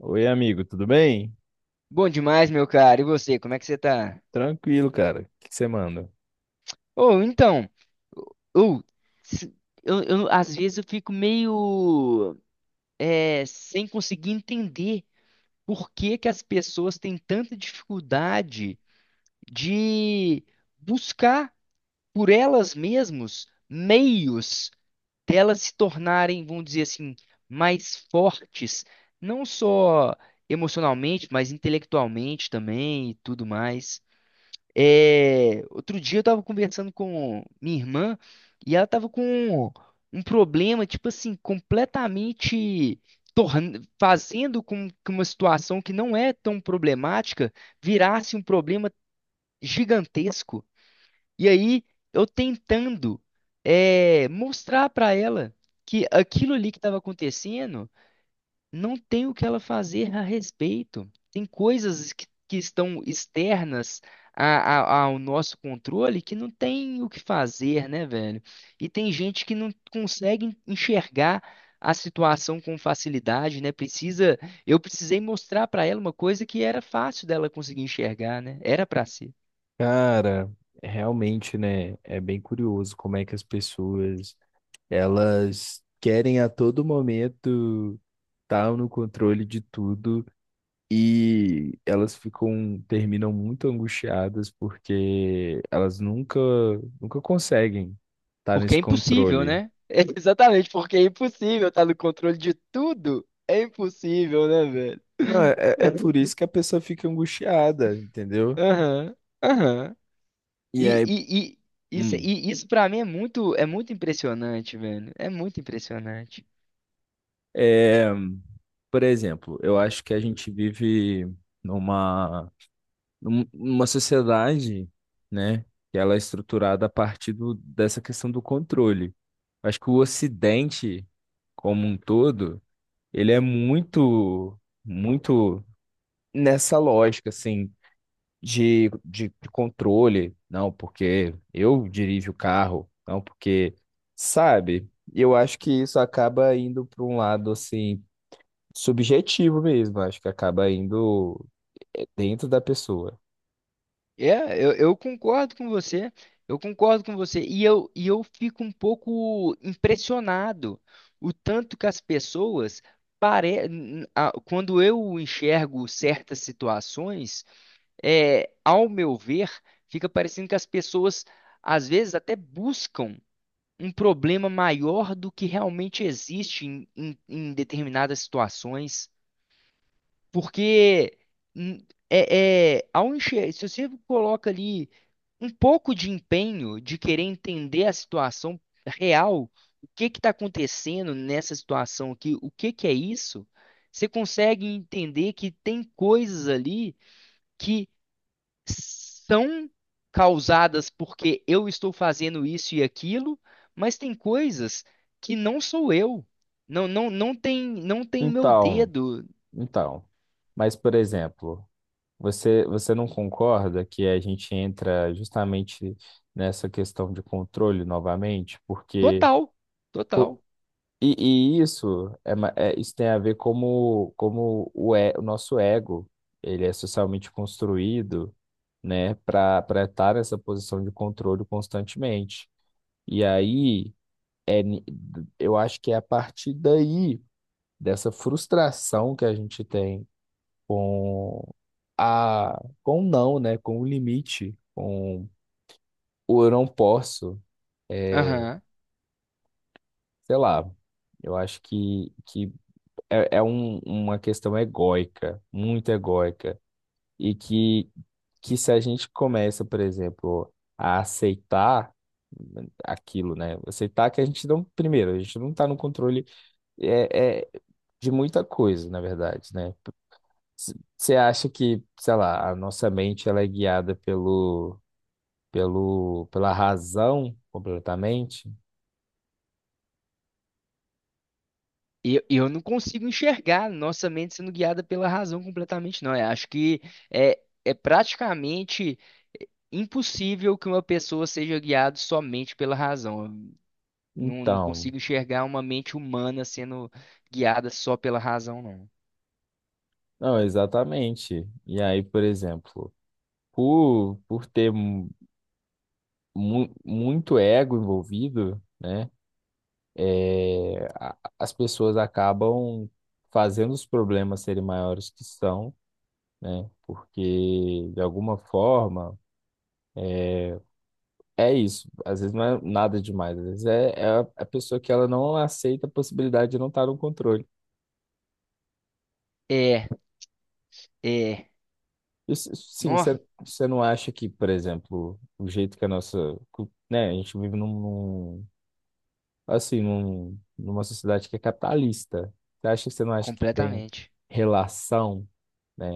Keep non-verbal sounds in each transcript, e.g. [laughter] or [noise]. Oi, amigo, tudo bem? Bom demais, meu cara. E você, como é que você tá? Tranquilo, cara. O que você manda? Ou então, ou se- eu- às vezes eu fico meio, sem conseguir entender por que que as pessoas têm tanta dificuldade de buscar por elas mesmas meios delas se tornarem, vamos dizer assim, mais fortes, não só emocionalmente, mas intelectualmente também e tudo mais. É, outro dia eu tava conversando com minha irmã e ela tava com um problema, tipo assim, completamente fazendo com que uma situação que não é tão problemática virasse um problema gigantesco. E aí eu tentando, mostrar pra ela que aquilo ali que estava acontecendo não tem o que ela fazer a respeito. Tem coisas que estão externas ao nosso controle que não tem o que fazer, né, velho? E tem gente que não consegue enxergar a situação com facilidade, né? Eu precisei mostrar pra ela uma coisa que era fácil dela conseguir enxergar, né? Era pra si. Cara, realmente, né? É bem curioso como é que as pessoas elas querem a todo momento estar no controle de tudo e elas ficam, terminam muito angustiadas porque elas nunca conseguem estar Porque nesse é impossível, controle. né? [laughs] É exatamente, porque é impossível estar no controle de tudo. É impossível, né, velho? Não, é por [laughs] isso que a pessoa fica angustiada, entendeu? Aham, aham. E, E aí, e, e isso, hum, e isso para mim é muito impressionante, velho. É muito impressionante. é. Por exemplo, eu acho que a gente vive numa, numa sociedade, né, que ela é estruturada a partir dessa questão do controle. Acho que o Ocidente, como um todo, ele é muito nessa lógica, assim, de controle. Não, porque eu dirijo o carro. Não, porque, sabe? E eu acho que isso acaba indo para um lado, assim, subjetivo mesmo, acho que acaba indo dentro da pessoa. É, eu concordo com você. Eu concordo com você. E eu fico um pouco impressionado o tanto que as pessoas quando eu enxergo certas situações, ao meu ver, fica parecendo que as pessoas às vezes até buscam um problema maior do que realmente existe em determinadas situações, porque se você coloca ali um pouco de empenho de querer entender a situação real, o que que está acontecendo nessa situação aqui, o que que é isso, você consegue entender que tem coisas ali que são causadas porque eu estou fazendo isso e aquilo, mas tem coisas que não sou eu. Não, não, não tem meu Então, dedo. então, mas por exemplo, você não concorda que a gente entra justamente nessa questão de controle novamente, porque Total, total. o- e isso é, isso tem a ver como o nosso ego, ele é socialmente construído, né, para estar nessa posição de controle constantemente. E aí é, eu acho que é a partir daí, dessa frustração que a gente tem com com o não, né? Com o limite, com o eu não posso, é, Aham. sei lá, eu acho que é, uma questão egóica, muito egóica, e que se a gente começa, por exemplo, a aceitar aquilo, né? Aceitar que a gente não, primeiro, a gente não está no controle é de muita coisa, na verdade, né? Você acha que, sei lá, a nossa mente ela é guiada pela razão completamente? Eu não consigo enxergar nossa mente sendo guiada pela razão completamente, não. Eu acho que é praticamente impossível que uma pessoa seja guiada somente pela razão. Eu não Então, consigo enxergar uma mente humana sendo guiada só pela razão, não. não, exatamente. E aí, por exemplo, por ter muito ego envolvido, né? As pessoas acabam fazendo os problemas serem maiores que são, né? Porque, de alguma forma, é isso. Às vezes não é nada demais. Às vezes é, é a pessoa que ela não aceita a possibilidade de não estar no controle. É, é, E sim, nó, você não acha que, por exemplo, o jeito que a nossa, né, a gente vive assim, numa sociedade que é capitalista. Você não acha que tem completamente. relação, né,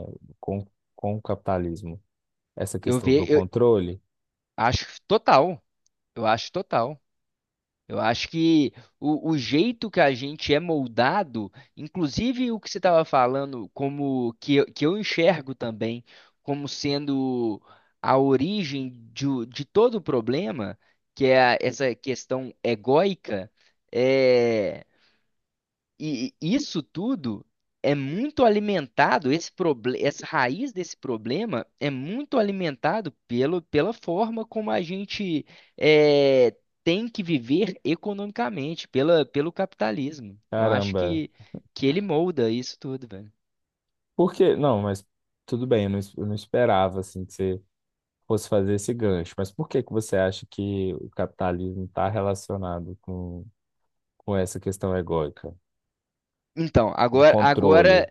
com, com o capitalismo? Essa Eu questão ve, do eu controle? acho total. Eu acho total. Eu acho que o jeito que a gente é moldado, inclusive o que você estava falando, como que eu enxergo também como sendo a origem de todo o problema, que é essa questão egóica, é. E isso tudo é muito alimentado, essa raiz desse problema é muito alimentado pela forma como a gente é, tem que viver economicamente, pelo capitalismo. Eu acho Caramba. que ele molda isso tudo, velho. Por quê? Não, mas tudo bem, eu não, eu não esperava assim que você fosse fazer esse gancho. Mas por que que você acha que o capitalismo está relacionado com essa questão egóica Então, de agora, controle?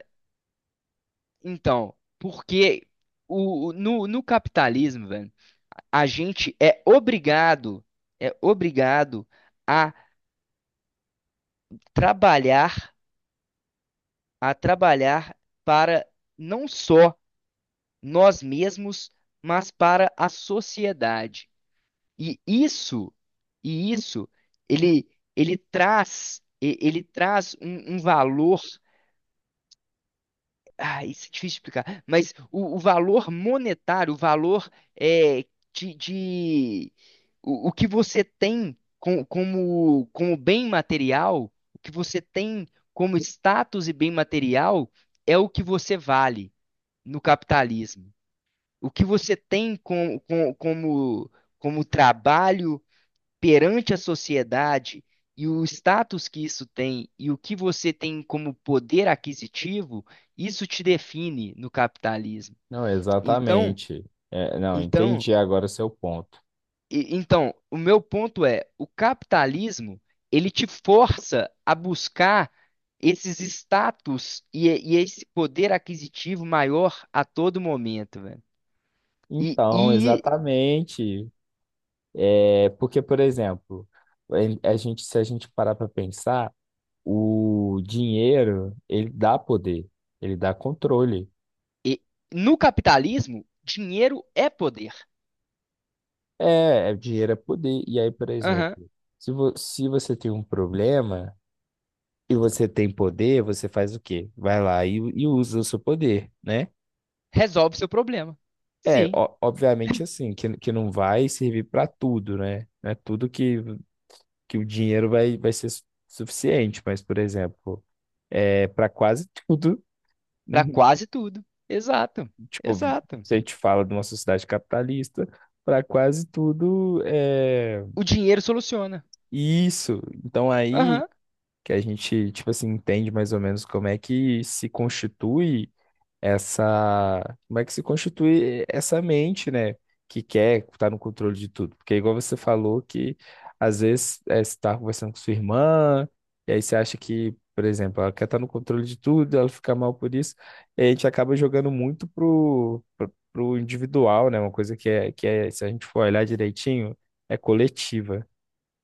então, porque no capitalismo, velho, a gente é obrigado a trabalhar a trabalhar para não só nós mesmos, mas para a sociedade. E isso, e isso, ele, ele traz um valor. Ah, isso é difícil de explicar, mas o valor monetário, o valor é, de, de- o que você tem como bem material, o que você tem como status e bem material é o que você vale no capitalismo. O que você tem como trabalho perante a sociedade e o status que isso tem e o que você tem como poder aquisitivo, isso te define no capitalismo. Não, Então, exatamente. É, não, então, entendi agora o seu ponto. então, o meu ponto é, o capitalismo, ele te força a buscar esses status e esse poder aquisitivo maior a todo momento, velho. E, Então, e exatamente. É porque, por exemplo, a gente, se a gente parar para pensar, o dinheiro, ele dá poder, ele dá controle. E no capitalismo, dinheiro é poder. Dinheiro é poder. E aí, por Aham. exemplo, se você tem um problema e você tem poder, você faz o quê? Vai lá e usa o seu poder, né? Resolve seu problema. É, Sim, obviamente assim, que não vai servir para tudo, né? Não é tudo que o dinheiro vai ser suficiente, mas, por exemplo, é para quase tudo, [laughs] para uhum, quase tudo. Exato, tipo, exato. se a gente fala de uma sociedade capitalista, para quase tudo é O dinheiro soluciona. isso. Então aí Aham, que a gente, tipo assim, entende mais ou menos como é que se constitui essa, como é que se constitui essa mente, né, que quer estar no controle de tudo. Porque igual você falou que às vezes é, você está conversando com sua irmã, e aí você acha que, por exemplo, ela quer estar no controle de tudo, ela fica mal por isso, e a gente acaba jogando muito pro individual, né, uma coisa que é, se a gente for olhar direitinho, é coletiva.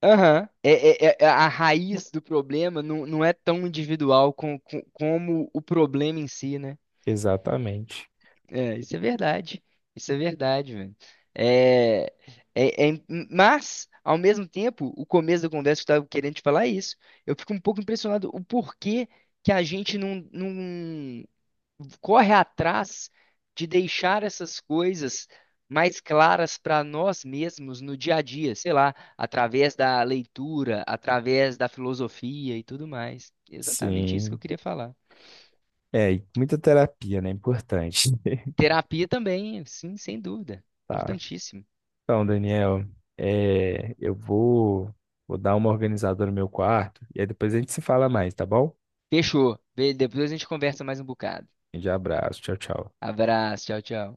aham. É, a raiz do problema não é tão individual como o problema em si, né? Exatamente. É, isso é verdade. Isso é verdade, velho. É, é, é mas, ao mesmo tempo, o começo da conversa que eu estava querendo te falar é isso. Eu fico um pouco impressionado o porquê que a gente não corre atrás de deixar essas coisas mais claras para nós mesmos no dia a dia, sei lá, através da leitura, através da filosofia e tudo mais. Exatamente isso que eu Sim. queria falar. É, e muita terapia, né? Importante. [laughs] Terapia também, sim, sem dúvida. Tá. Importantíssimo. Então, Daniel, é, vou dar uma organizada no meu quarto e aí depois a gente se fala mais, tá bom? Fechou. Depois a gente conversa mais um bocado. Um grande abraço, tchau, tchau. Abraço, tchau, tchau.